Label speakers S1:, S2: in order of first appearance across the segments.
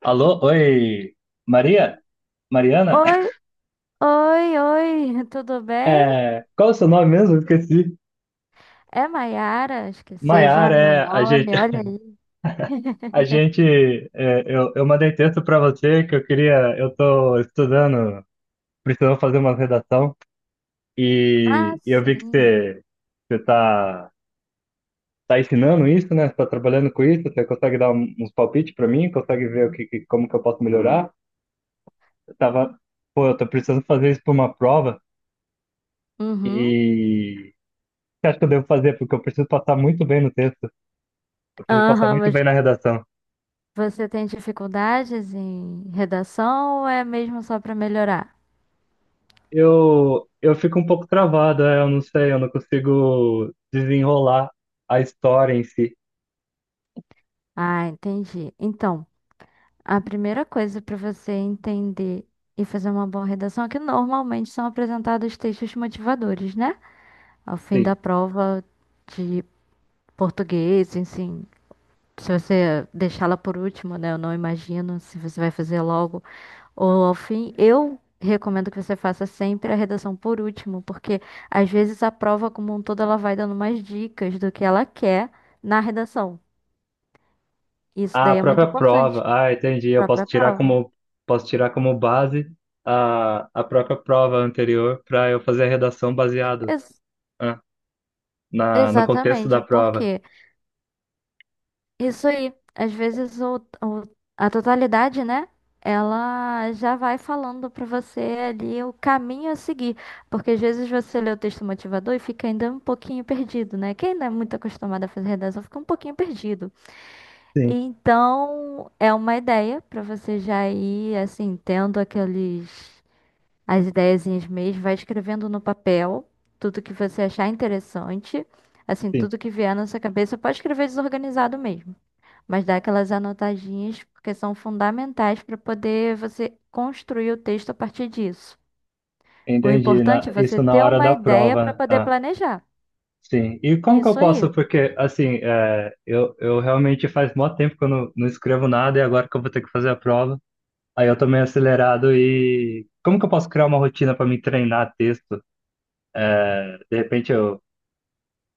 S1: Alô, oi, Maria? Mariana?
S2: Oi, oi, oi, tudo bem?
S1: É, qual é o seu nome mesmo? Esqueci.
S2: É Maiara, esqueceu já
S1: Maiara,
S2: meu
S1: é, a gente,
S2: nome, olha aí.
S1: a gente, é, eu mandei texto para você que eu queria, eu tô estudando, precisando fazer uma redação
S2: Ah,
S1: e eu vi que
S2: sim.
S1: você, tá ensinando isso, né? Você tá trabalhando com isso, você consegue dar uns palpites para mim, consegue ver como que eu posso melhorar? Eu tava, pô, eu tô precisando fazer isso para uma prova
S2: Uhum.
S1: e que acho que eu devo fazer? Porque eu preciso passar muito bem no texto. Eu preciso passar
S2: Aham,
S1: muito bem
S2: mas
S1: na redação.
S2: você tem dificuldades em redação ou é mesmo só para melhorar?
S1: Eu fico um pouco travado, é, eu não sei, eu não consigo desenrolar a história em si.
S2: Ah, entendi. Então, a primeira coisa para você entender e fazer uma boa redação é que normalmente são apresentados textos motivadores, né? Ao fim
S1: Sim.
S2: da prova de português, enfim, se você deixá-la por último, né? Eu não imagino se você vai fazer logo ou ao fim. Eu recomendo que você faça sempre a redação por último, porque às vezes a prova como um todo, ela vai dando mais dicas do que ela quer na redação. Isso
S1: Ah, a
S2: daí é muito
S1: própria prova.
S2: importante
S1: Ah, entendi. Eu
S2: para a própria prova.
S1: posso tirar como base a própria prova anterior para eu fazer a redação baseado,
S2: Ex-
S1: ah, no contexto da
S2: Exatamente,
S1: prova.
S2: porque isso aí. Às vezes o- a totalidade, né? Ela já vai falando pra você ali o caminho a seguir. Porque às vezes você lê o texto motivador e fica ainda um pouquinho perdido, né? Quem não é muito acostumado a fazer redação fica um pouquinho perdido.
S1: Sim,
S2: Então, é uma ideia pra você já ir, assim, tendo aqueles, as ideiazinhas mesmo, vai escrevendo no papel tudo que você achar interessante. Assim,
S1: sim.
S2: tudo que vier na sua cabeça, pode escrever desorganizado mesmo. Mas dá aquelas anotadinhas porque são fundamentais para poder você construir o texto a partir disso. O
S1: Entendi,
S2: importante é você
S1: isso na
S2: ter
S1: hora
S2: uma
S1: da
S2: ideia para
S1: prova, né?
S2: poder
S1: Ah,
S2: planejar.
S1: sim. E como que eu
S2: Isso aí.
S1: posso, porque, assim, é, eu realmente faz mó tempo que eu não escrevo nada e agora que eu vou ter que fazer a prova, aí eu tô meio acelerado e como que eu posso criar uma rotina para me treinar texto? De repente eu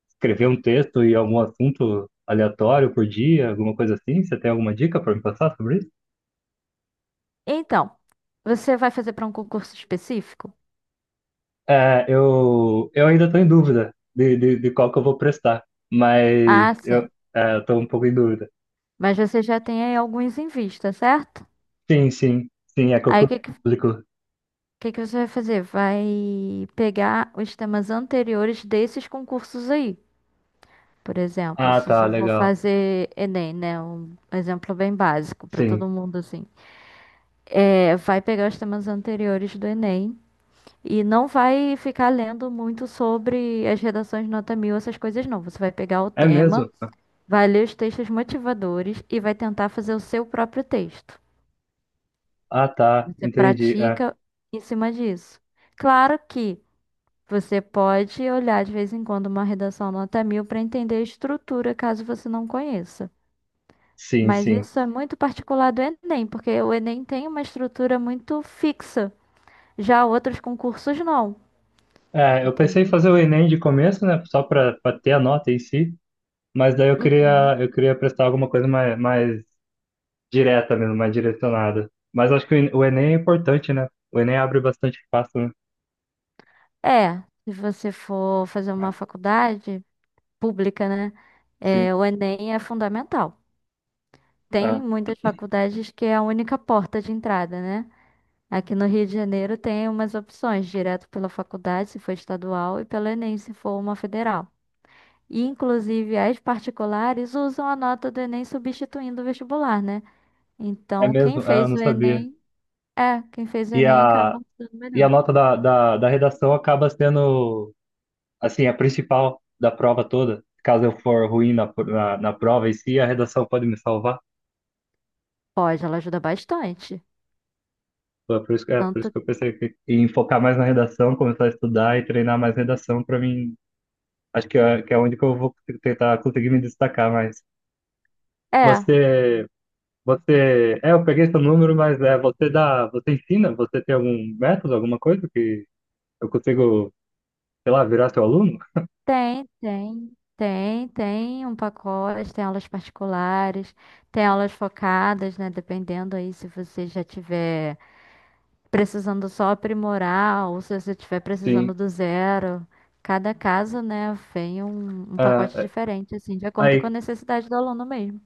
S1: escrever um texto e algum assunto aleatório por dia, alguma coisa assim? Você tem alguma dica para me passar sobre isso?
S2: Então, você vai fazer para um concurso específico?
S1: É, eu ainda estou em dúvida de qual que eu vou prestar, mas
S2: Ah, sim.
S1: eu, estou um pouco em dúvida.
S2: Mas você já tem aí alguns em vista, certo?
S1: Sim, sim, sim, é
S2: Aí
S1: concurso público.
S2: que você vai fazer? Vai pegar os temas anteriores desses concursos aí. Por exemplo,
S1: Ah,
S2: se
S1: tá,
S2: você for
S1: legal.
S2: fazer Enem, né? Um exemplo bem básico para
S1: Sim.
S2: todo mundo, assim. É, vai pegar os temas anteriores do Enem e não vai ficar lendo muito sobre as redações nota mil, essas coisas não. Você vai pegar o
S1: É mesmo?
S2: tema, vai ler os textos motivadores e vai tentar fazer o seu próprio texto.
S1: Ah, tá,
S2: Você
S1: entendi. É,
S2: pratica em cima disso. Claro que você pode olhar de vez em quando uma redação nota mil para entender a estrutura, caso você não conheça.
S1: sim,
S2: Mas
S1: sim.
S2: isso é muito particular do Enem, porque o Enem tem uma estrutura muito fixa. Já outros concursos não.
S1: É, eu pensei em
S2: Entendeu?
S1: fazer o Enem de começo, né, só para ter a nota em si, mas daí eu
S2: Uhum.
S1: queria, eu queria prestar alguma coisa mais, direta mesmo, mais direcionada. Mas acho que o Enem é importante, né? O Enem abre bastante espaço, né?
S2: É, se você for fazer uma
S1: Ah,
S2: faculdade pública, né?
S1: sim.
S2: É, o Enem é fundamental. Tem
S1: Ah,
S2: muitas faculdades que é a única porta de entrada, né? Aqui no Rio de Janeiro tem umas opções, direto pela faculdade, se for estadual, e pelo Enem, se for uma federal. E, inclusive, as particulares usam a nota do Enem substituindo o vestibular, né?
S1: é
S2: Então, quem
S1: mesmo? Ah, eu
S2: fez
S1: não
S2: o
S1: sabia.
S2: Enem, é, quem fez o
S1: E
S2: Enem
S1: a,
S2: acaba sendo
S1: e
S2: melhor.
S1: a nota da redação acaba sendo, assim, a principal da prova toda. Caso eu for ruim na prova em si, a redação pode me salvar.
S2: Pode, ela ajuda bastante.
S1: Foi por isso, por
S2: Tanto,
S1: isso que eu pensei que, em focar mais na redação, começar a estudar e treinar mais redação para mim. Acho que é onde que eu vou tentar conseguir me destacar mais.
S2: é.
S1: Você, eu peguei seu número, mas você ensina? Você tem algum método, alguma coisa que eu consigo, sei lá, virar seu aluno?
S2: Tem um pacote, tem aulas particulares, tem aulas focadas, né? Dependendo aí se você já tiver precisando só aprimorar ou se você estiver precisando
S1: Sim.
S2: do zero. Cada caso, né, vem um
S1: Ah,
S2: pacote diferente, assim, de acordo com a
S1: aí,
S2: necessidade do aluno mesmo.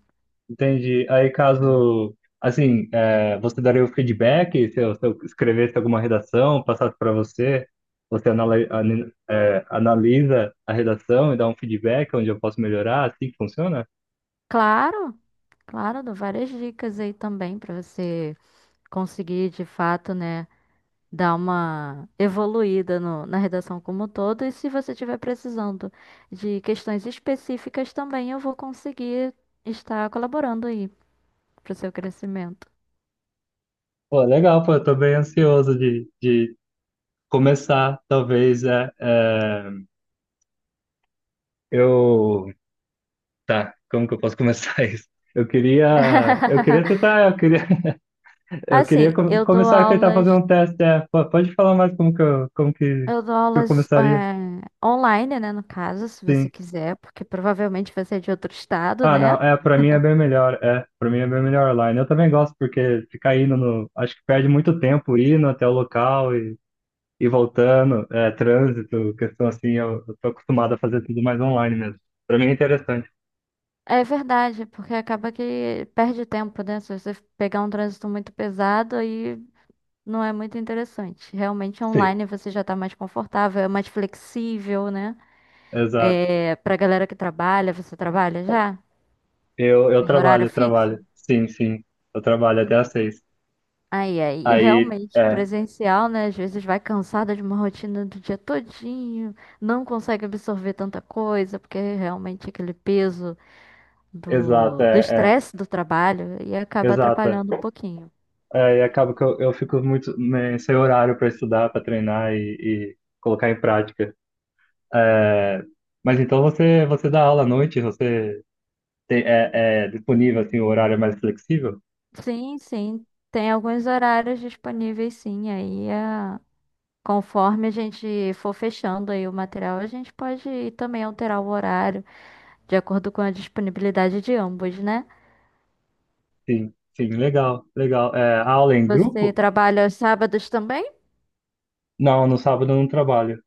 S1: entendi. Aí, caso, assim, é, você daria o feedback, se eu, escrevesse alguma redação, passasse para você, você analisa a redação e dá um feedback onde eu posso melhorar, assim que funciona?
S2: Claro, claro, dou várias dicas aí também para você conseguir de fato, né, dar uma evoluída na redação como um todo. E se você estiver precisando de questões específicas também, eu vou conseguir estar colaborando aí para o seu crescimento.
S1: Pô, legal, pô, eu tô bem ansioso de começar, talvez, eu... Tá, como que eu posso começar isso? Eu queria tentar,
S2: Assim,
S1: começar a tentar fazer um teste, pode falar mais como
S2: eu dou
S1: que eu
S2: aulas
S1: começaria?
S2: online, né, no caso, se você
S1: Sim.
S2: quiser, porque provavelmente você é de outro estado,
S1: Ah, não.
S2: né?
S1: É, pra mim é bem melhor. É, pra mim é bem melhor online. Eu também gosto, porque ficar indo no. Acho que perde muito tempo indo até o local e voltando. É, trânsito, questão assim, eu tô acostumado a fazer tudo mais online mesmo. Pra mim é interessante.
S2: É verdade, porque acaba que perde tempo, né? Se você pegar um trânsito muito pesado, aí não é muito interessante. Realmente
S1: Sim.
S2: online você já tá mais confortável, é mais flexível, né?
S1: Exato.
S2: É, pra galera que trabalha, você trabalha já?
S1: Eu
S2: Tem
S1: trabalho,
S2: horário
S1: eu
S2: fixo?
S1: trabalho. Sim, sim. Eu trabalho até às seis.
S2: Aí, aí,
S1: Aí,
S2: realmente,
S1: é,
S2: presencial, né? Às vezes vai cansada de uma rotina do dia todinho, não consegue absorver tanta coisa, porque realmente aquele peso
S1: exato,
S2: do
S1: é, é.
S2: estresse do trabalho e acaba
S1: Exato. É.
S2: atrapalhando um pouquinho.
S1: É, e acaba que eu fico muito né, sem horário para estudar, para treinar e colocar em prática. É, mas então você, dá aula à noite, você tem, é disponível assim, o horário é mais flexível?
S2: Sim, sim, tem alguns horários disponíveis, sim, aí é. Conforme a gente for fechando aí o material, a gente pode também alterar o horário, de acordo com a disponibilidade de ambos, né?
S1: Sim, sim, legal, legal. É, a aula é em
S2: Você
S1: grupo?
S2: trabalha aos sábados também?
S1: Não, no sábado eu não trabalho.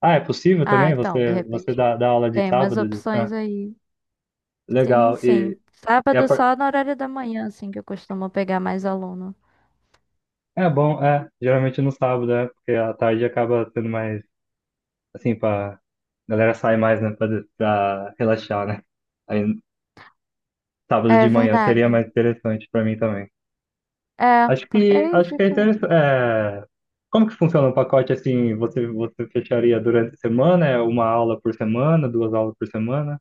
S1: Ah, é possível
S2: Ah,
S1: também?
S2: então, de
S1: Você
S2: repente
S1: dá aula de
S2: tem umas
S1: sábado?
S2: opções
S1: Ah,
S2: aí. Sim,
S1: legal.
S2: sim.
S1: E, e a
S2: Sábado
S1: par-
S2: só no horário da manhã, assim, que eu costumo pegar mais aluno.
S1: é bom, é, geralmente no sábado, é, porque a tarde acaba sendo mais, assim, pra... A galera sai mais, né, pra relaxar, né? Aí sábado
S2: É
S1: de manhã
S2: verdade.
S1: seria mais interessante pra mim também.
S2: É,
S1: Acho
S2: porque
S1: que,
S2: aí
S1: acho que é
S2: fica.
S1: interessante. É, como que funciona um pacote assim? Você fecharia durante a semana? É uma aula por semana, duas aulas por semana?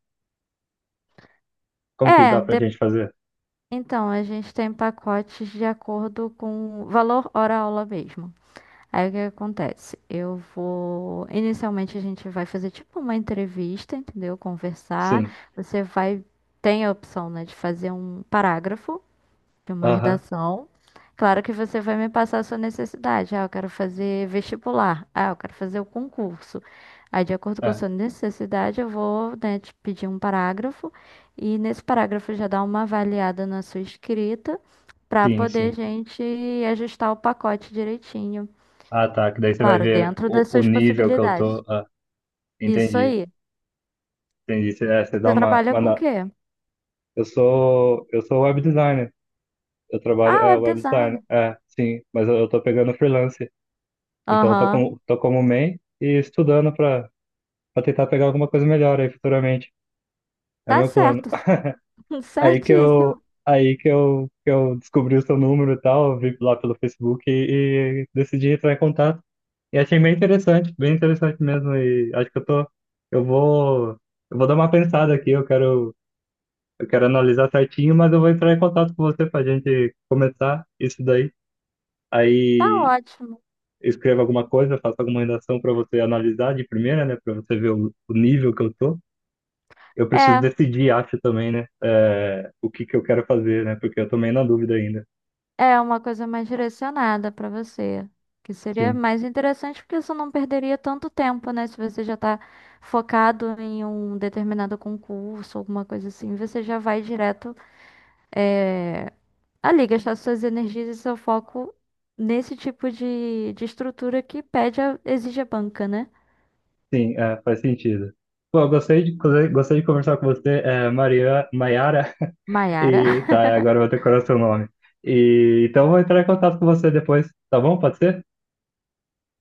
S1: Como que dá
S2: É,
S1: pra
S2: de-
S1: gente fazer?
S2: então, a gente tem pacotes de acordo com valor hora-aula mesmo. Aí o que acontece? Eu vou. Inicialmente a gente vai fazer tipo uma entrevista, entendeu? Conversar.
S1: Sim.
S2: Você vai. Tem a opção, né, de fazer um parágrafo de uma
S1: Aham.
S2: redação. Claro que você vai me passar a sua necessidade. Ah, eu quero fazer vestibular. Ah, eu quero fazer o concurso. Aí, de acordo com a
S1: É.
S2: sua necessidade, eu vou, né, te pedir um parágrafo. E nesse parágrafo já dá uma avaliada na sua escrita para
S1: Sim,
S2: poder
S1: sim.
S2: a gente ajustar o pacote direitinho.
S1: Ah, tá. Que daí você vai
S2: Claro,
S1: ver
S2: dentro
S1: o,
S2: das
S1: o
S2: suas
S1: nível que eu
S2: possibilidades.
S1: tô. Ah,
S2: Isso
S1: entendi.
S2: aí.
S1: Entendi. Você dá
S2: Você
S1: uma,
S2: trabalha
S1: uma.
S2: com o
S1: na-
S2: quê?
S1: Eu sou web designer. Eu trabalho.
S2: Ah,
S1: É,
S2: web
S1: web design.
S2: design.
S1: É, sim. Mas eu tô pegando freelance. Então eu tô
S2: Aham.
S1: como, tô como main e estudando pra tentar pegar alguma coisa melhor aí futuramente. É
S2: Tá
S1: meu plano.
S2: certo.
S1: Aí que eu,
S2: Certíssimo.
S1: que eu descobri o seu número e tal, vi lá pelo Facebook e decidi entrar em contato. E achei bem interessante mesmo. E acho que eu vou, eu vou dar uma pensada aqui. Eu quero analisar certinho, mas eu vou entrar em contato com você pra gente começar isso daí.
S2: Tá
S1: Aí
S2: ótimo.
S1: escreva alguma coisa, faça alguma redação pra você analisar de primeira, né? Pra você ver o nível que eu tô. Eu preciso
S2: É,
S1: decidir, acho também, né? O que que eu quero fazer, né? Porque eu tô meio na dúvida ainda.
S2: é uma coisa mais direcionada para você, que seria
S1: Sim,
S2: mais interessante porque você não perderia tanto tempo, né? Se você já tá focado em um determinado concurso, alguma coisa assim, você já vai direto, eh, ali gastar suas energias e seu foco nesse tipo de estrutura que pede a, exige a banca, né?
S1: sim, é, faz sentido. Pô, eu gostei de conversar com você, Maiara,
S2: Maiara,
S1: e tá, agora eu vou decorar seu nome. E, então eu vou entrar em contato com você depois, tá bom? Pode ser?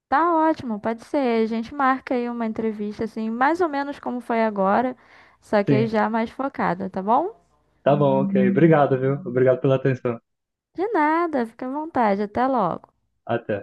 S2: tá ótimo, pode ser. A gente marca aí uma entrevista, assim, mais ou menos como foi agora, só que aí
S1: Sim,
S2: já mais focada, tá bom?
S1: tá bom, ok. Obrigado, viu? Obrigado pela atenção.
S2: De nada, fica à vontade, até logo.
S1: Até.